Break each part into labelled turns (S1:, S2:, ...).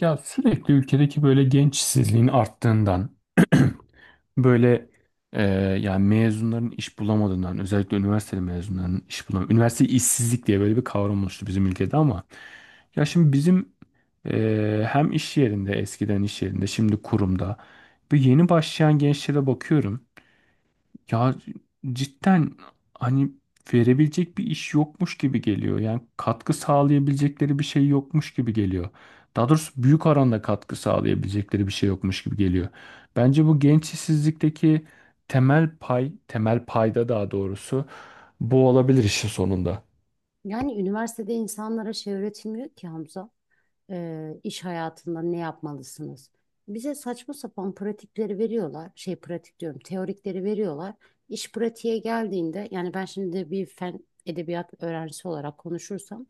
S1: Ya sürekli ülkedeki böyle genç işsizliğin arttığından böyle e, yani mezunların iş bulamadığından özellikle üniversiteli mezunların iş bulamadığından üniversite işsizlik diye böyle bir kavram oluştu bizim ülkede ama ya şimdi bizim hem iş yerinde eskiden iş yerinde şimdi kurumda bu yeni başlayan gençlere bakıyorum ya cidden hani verebilecek bir iş yokmuş gibi geliyor. Yani katkı sağlayabilecekleri bir şey yokmuş gibi geliyor. Daha doğrusu büyük oranda katkı sağlayabilecekleri bir şey yokmuş gibi geliyor. Bence bu genç işsizlikteki temel pay, temel payda daha doğrusu bu olabilir işin sonunda.
S2: Yani üniversitede insanlara şey öğretilmiyor ki Hamza, iş hayatında ne yapmalısınız? Bize saçma sapan pratikleri veriyorlar. Şey pratik diyorum, teorikleri veriyorlar. İş pratiğe geldiğinde yani ben şimdi bir fen edebiyat öğrencisi olarak konuşursam,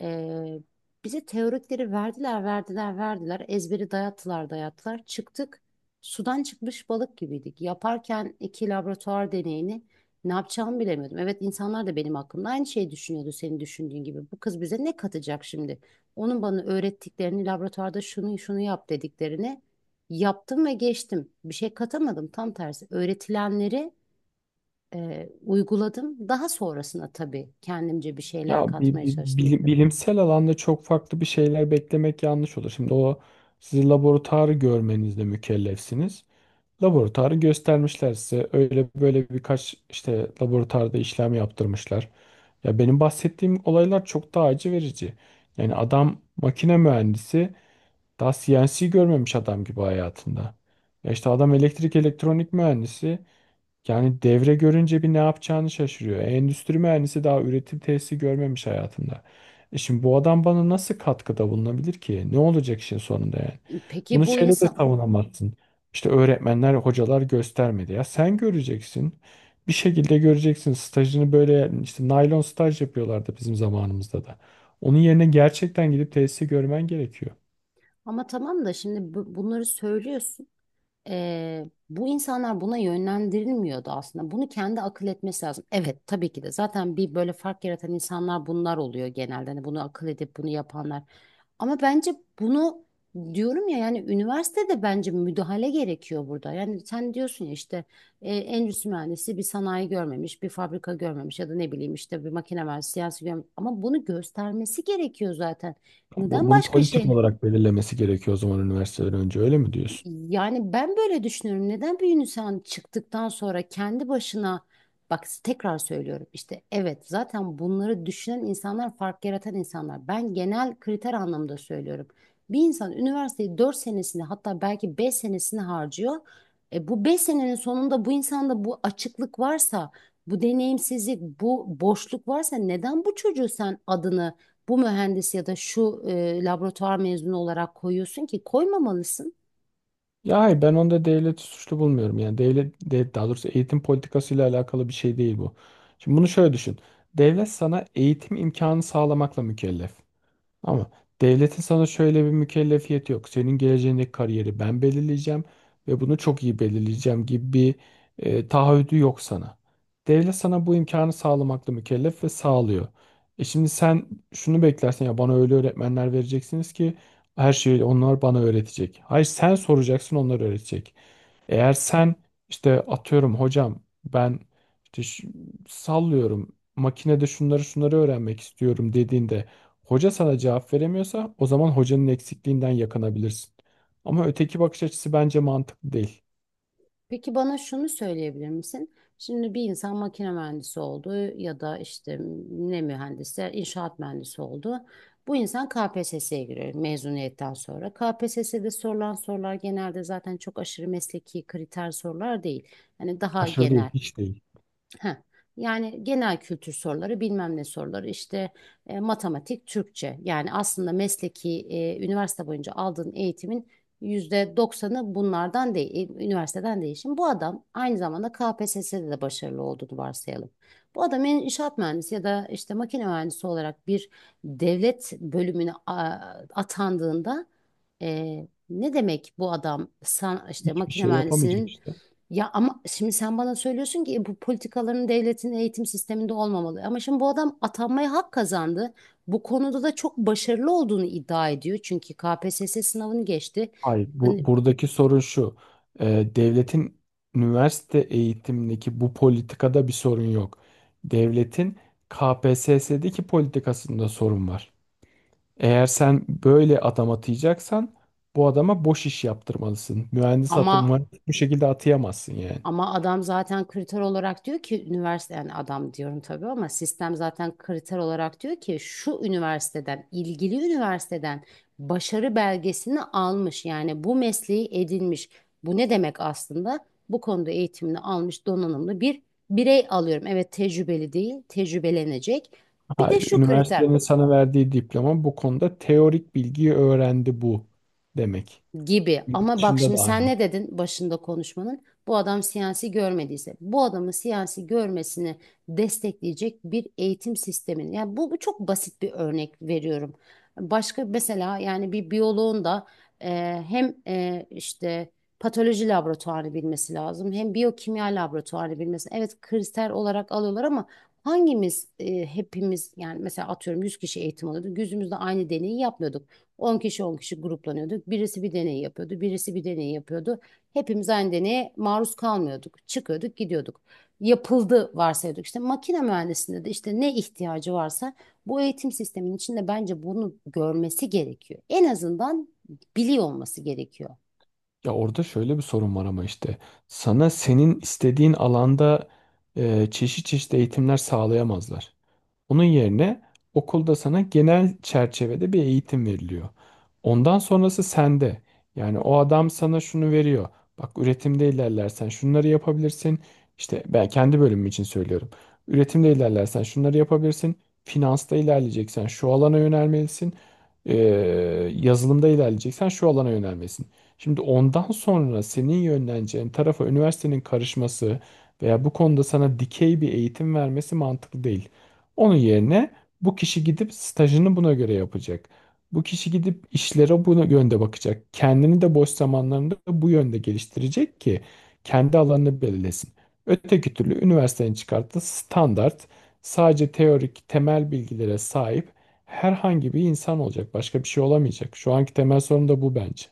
S2: e, bize teorikleri verdiler, verdiler, verdiler. Ezberi dayattılar, dayattılar. Çıktık. Sudan çıkmış balık gibiydik. Yaparken iki laboratuvar deneyini ne yapacağımı bilemiyordum. Evet, insanlar da benim hakkımda aynı şeyi düşünüyordu senin düşündüğün gibi. Bu kız bize ne katacak şimdi? Onun bana öğrettiklerini, laboratuvarda şunu şunu yap dediklerini yaptım ve geçtim. Bir şey katamadım. Tam tersi öğretilenleri uyguladım. Daha sonrasına tabii kendimce bir şeyler
S1: Ya bi-
S2: katmaya
S1: bi-
S2: çalıştım.
S1: bili- bilimsel alanda çok farklı bir şeyler beklemek yanlış olur. Şimdi o siz laboratuvarı görmenizle mükellefsiniz. Laboratuvarı göstermişler size. Öyle böyle birkaç işte laboratuvarda işlem yaptırmışlar. Ya benim bahsettiğim olaylar çok daha acı verici. Yani adam makine mühendisi daha CNC görmemiş adam gibi hayatında. Ya işte adam elektrik elektronik mühendisi yani devre görünce bir ne yapacağını şaşırıyor. E, endüstri mühendisi daha üretim tesisi görmemiş hayatında. E şimdi bu adam bana nasıl katkıda bulunabilir ki? Ne olacak işin sonunda yani?
S2: Peki
S1: Bunu
S2: bu
S1: şeyle de
S2: insan.
S1: savunamazsın. İşte öğretmenler, hocalar göstermedi. Ya sen göreceksin. Bir şekilde göreceksin. Stajını böyle işte naylon staj yapıyorlardı bizim zamanımızda da. Onun yerine gerçekten gidip tesisi görmen gerekiyor.
S2: Ama tamam da şimdi bunları söylüyorsun. Bu insanlar buna yönlendirilmiyordu aslında. Bunu kendi akıl etmesi lazım. Evet tabii ki de zaten bir böyle fark yaratan insanlar bunlar oluyor genelde. Hani bunu akıl edip bunu yapanlar. Ama bence bunu, diyorum ya, yani üniversitede bence müdahale gerekiyor burada. Yani sen diyorsun ya, işte endüstri mühendisi bir sanayi görmemiş, bir fabrika görmemiş ya da ne bileyim işte bir makine mühendisi siyasi görmemiş. Ama bunu göstermesi gerekiyor zaten. Neden
S1: Bunu
S2: başka
S1: politik
S2: şey?
S1: olarak belirlemesi gerekiyor o zaman üniversiteden önce öyle mi diyorsun?
S2: Yani ben böyle düşünüyorum. Neden bir insan çıktıktan sonra kendi başına, bak tekrar söylüyorum, işte evet zaten bunları düşünen insanlar fark yaratan insanlar. Ben genel kriter anlamda söylüyorum. Bir insan üniversiteyi 4 senesini, hatta belki 5 senesini harcıyor. Bu 5 senenin sonunda bu insanda bu açıklık varsa, bu deneyimsizlik, bu boşluk varsa, neden bu çocuğu sen adını bu mühendis ya da şu laboratuvar mezunu olarak koyuyorsun ki? Koymamalısın.
S1: Ya hayır ben onda devleti suçlu bulmuyorum. Yani daha doğrusu eğitim politikasıyla alakalı bir şey değil bu. Şimdi bunu şöyle düşün. Devlet sana eğitim imkanı sağlamakla mükellef. Ama devletin sana şöyle bir mükellefiyeti yok. Senin geleceğindeki kariyeri ben belirleyeceğim ve bunu çok iyi belirleyeceğim gibi bir taahhüdü yok sana. Devlet sana bu imkanı sağlamakla mükellef ve sağlıyor. E şimdi sen şunu beklersen ya bana öyle öğretmenler vereceksiniz ki her şeyi onlar bana öğretecek. Hayır sen soracaksın onlar öğretecek. Eğer sen işte atıyorum hocam ben işte sallıyorum makinede şunları şunları öğrenmek istiyorum dediğinde hoca sana cevap veremiyorsa o zaman hocanın eksikliğinden yakınabilirsin. Ama öteki bakış açısı bence mantıklı değil.
S2: Peki bana şunu söyleyebilir misin? Şimdi bir insan makine mühendisi oldu ya da işte ne mühendisler, inşaat mühendisi oldu. Bu insan KPSS'ye giriyor mezuniyetten sonra. KPSS'de sorulan sorular genelde zaten çok aşırı mesleki kriter sorular değil. Hani daha
S1: Aşırı değil,
S2: genel.
S1: hiç değil.
S2: Heh. Yani genel kültür soruları, bilmem ne soruları, işte matematik, Türkçe. Yani aslında mesleki üniversite boyunca aldığın eğitimin %90'ı bunlardan değil, üniversiteden değil. Şimdi bu adam aynı zamanda KPSS'de de başarılı olduğunu varsayalım. Bu adam inşaat mühendisi ya da işte makine mühendisi olarak bir devlet bölümüne atandığında, ne demek bu adam işte
S1: Hiçbir
S2: makine
S1: şey yapamayacak
S2: mühendisinin.
S1: işte.
S2: Ya ama şimdi sen bana söylüyorsun ki, "Bu politikaların devletin eğitim sisteminde olmamalı. Ama şimdi bu adam atanmaya hak kazandı. Bu konuda da çok başarılı olduğunu iddia ediyor. Çünkü KPSS sınavını geçti."
S1: Hayır,
S2: Hani.
S1: buradaki sorun şu. Devletin üniversite eğitimindeki bu politikada bir sorun yok. Devletin KPSS'deki politikasında sorun var. Eğer sen böyle adam atayacaksan bu adama boş iş yaptırmalısın. Mühendis
S2: Ama
S1: atama bu şekilde atayamazsın yani.
S2: Ama adam zaten kriter olarak diyor ki üniversite, yani adam diyorum tabii ama sistem zaten kriter olarak diyor ki şu üniversiteden, ilgili üniversiteden başarı belgesini almış, yani bu mesleği edinmiş. Bu ne demek aslında? Bu konuda eğitimini almış donanımlı bir birey alıyorum. Evet, tecrübeli değil, tecrübelenecek. Bir de
S1: Hayır,
S2: şu kriter
S1: üniversitenin sana verdiği diploma bu konuda teorik bilgiyi öğrendi bu demek.
S2: gibi.
S1: Yurt
S2: Ama bak
S1: dışında
S2: şimdi
S1: da
S2: sen
S1: aynı.
S2: ne dedin başında konuşmanın? Bu adam siyasi görmediyse, bu adamın siyasi görmesini destekleyecek bir eğitim sistemini. Yani bu çok basit bir örnek veriyorum. Başka mesela, yani bir biyoloğun da e, hem işte patoloji laboratuvarı bilmesi lazım, hem biyokimya laboratuvarı bilmesi. Evet kriter olarak alıyorlar ama hangimiz hepimiz, yani mesela atıyorum, 100 kişi eğitim alıyordu. Yüzümüzde aynı deneyi yapmıyorduk. 10 kişi 10 kişi gruplanıyorduk. Birisi bir deney yapıyordu, birisi bir deney yapıyordu. Hepimiz aynı deneye maruz kalmıyorduk. Çıkıyorduk, gidiyorduk. Yapıldı varsayıyorduk. İşte makine mühendisliğinde de işte ne ihtiyacı varsa bu eğitim sisteminin içinde bence bunu görmesi gerekiyor. En azından biliyor olması gerekiyor.
S1: Ya orada şöyle bir sorun var ama işte sana senin istediğin alanda çeşit çeşit eğitimler sağlayamazlar. Onun yerine okulda sana genel çerçevede bir eğitim veriliyor. Ondan sonrası sende. Yani o adam sana şunu veriyor. Bak üretimde ilerlersen şunları yapabilirsin. İşte ben kendi bölümüm için söylüyorum. Üretimde ilerlersen şunları yapabilirsin. Finansta ilerleyeceksen şu alana yönelmelisin. Ee, Yazılımda ilerleyeceksen şu alana yönelmelisin. Şimdi ondan sonra senin yönleneceğin tarafa üniversitenin karışması veya bu konuda sana dikey bir eğitim vermesi mantıklı değil. Onun yerine bu kişi gidip stajını buna göre yapacak. Bu kişi gidip işlere buna yönde bakacak. Kendini de boş zamanlarında bu yönde geliştirecek ki kendi alanını belirlesin. Öteki türlü üniversitenin çıkarttığı standart sadece teorik temel bilgilere sahip herhangi bir insan olacak. Başka bir şey olamayacak. Şu anki temel sorun da bu bence.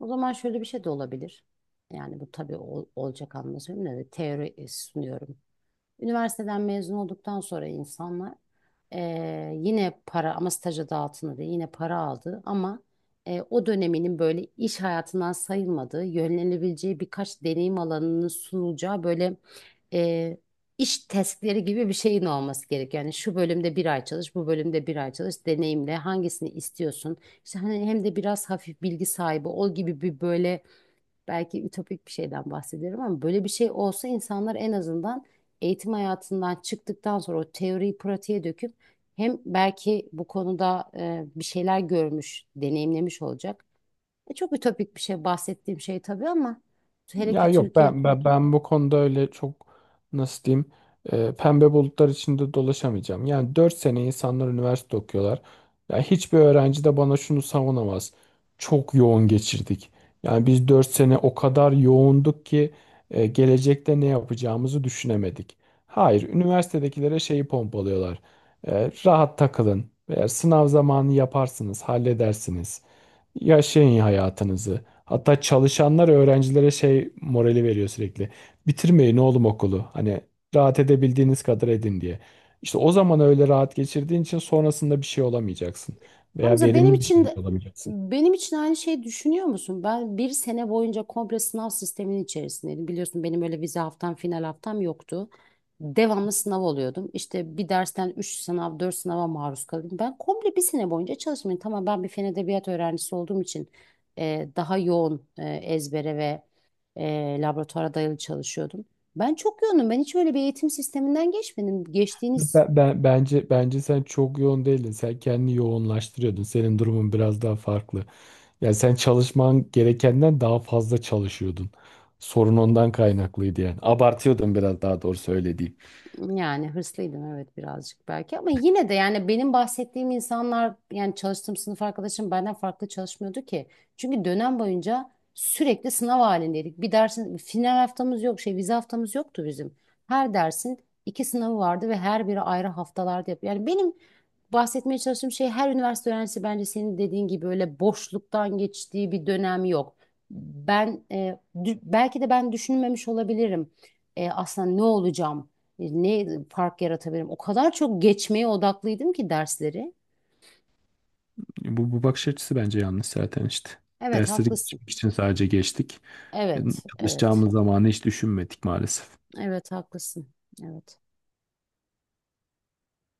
S2: O zaman şöyle bir şey de olabilir. Yani bu tabii olacak anlamda söylemiyorum da, teori sunuyorum. Üniversiteden mezun olduktan sonra insanlar, yine para ama staja da altında değil, yine para aldı ama o döneminin böyle iş hayatından sayılmadığı, yönlenebileceği birkaç deneyim alanının sunulacağı, böyle eee, iş testleri gibi bir şeyin olması gerek. Yani şu bölümde bir ay çalış, bu bölümde bir ay çalış, deneyimle hangisini istiyorsun? İşte hani hem de biraz hafif bilgi sahibi ol gibi bir, böyle belki ütopik bir şeyden bahsediyorum, ama böyle bir şey olsa insanlar en azından eğitim hayatından çıktıktan sonra o teoriyi pratiğe döküp, hem belki bu konuda bir şeyler görmüş, deneyimlemiş olacak. Çok ütopik bir şey bahsettiğim şey tabii, ama hele
S1: Ya
S2: ki
S1: yok
S2: Türkiye.
S1: ben ben, ben bu konuda öyle çok nasıl diyeyim pembe bulutlar içinde dolaşamayacağım. Yani 4 sene insanlar üniversite okuyorlar. Ya hiçbir öğrenci de bana şunu savunamaz. Çok yoğun geçirdik. Yani biz 4 sene o kadar yoğunduk ki gelecekte ne yapacağımızı düşünemedik. Hayır, üniversitedekilere şeyi pompalıyorlar. E, rahat takılın. Eğer sınav zamanı yaparsınız, halledersiniz. Yaşayın hayatınızı. Hatta çalışanlar öğrencilere şey morali veriyor sürekli. Bitirmeyin oğlum okulu. Hani rahat edebildiğiniz kadar edin diye. İşte o zaman öyle rahat geçirdiğin için sonrasında bir şey olamayacaksın. Veya
S2: Hamza, benim
S1: verimli bir
S2: için
S1: şekilde
S2: de,
S1: olamayacaksın.
S2: benim için aynı şeyi düşünüyor musun? Ben bir sene boyunca komple sınav sisteminin içerisindeydim. Biliyorsun benim öyle vize haftam, final haftam yoktu. Devamlı sınav oluyordum. İşte bir dersten 3 sınav, 4 sınava maruz kalıyordum. Ben komple bir sene boyunca çalışmadım. Tamam, ben bir fen edebiyat öğrencisi olduğum için daha yoğun, ezbere ve laboratuvara dayalı çalışıyordum. Ben çok yoğunum. Ben hiç öyle bir eğitim sisteminden geçmedim. Geçtiğiniz.
S1: Bence sen çok yoğun değildin. Sen kendini yoğunlaştırıyordun. Senin durumun biraz daha farklı. Yani sen çalışman gerekenden daha fazla çalışıyordun. Sorun ondan kaynaklıydı yani. Abartıyordun biraz daha doğru öyle.
S2: Yani hırslıydım evet, birazcık belki, ama yine de yani benim bahsettiğim insanlar, yani çalıştığım sınıf arkadaşım benden farklı çalışmıyordu ki. Çünkü dönem boyunca sürekli sınav halindeydik. Bir dersin final haftamız yok, şey, vize haftamız yoktu bizim. Her dersin iki sınavı vardı ve her biri ayrı haftalarda yapıyor. Yani benim bahsetmeye çalıştığım şey, her üniversite öğrencisi bence senin dediğin gibi öyle boşluktan geçtiği bir dönem yok. Ben belki de ben düşünmemiş olabilirim. Aslında ne olacağım? Ne fark yaratabilirim? O kadar çok geçmeye odaklıydım ki dersleri.
S1: Bu bakış açısı bence yanlış zaten işte.
S2: Evet
S1: Dersleri
S2: haklısın.
S1: geçmek için sadece geçtik. E,
S2: Evet, evet.
S1: Çalışacağımız zamanı hiç düşünmedik maalesef.
S2: Evet haklısın. Evet.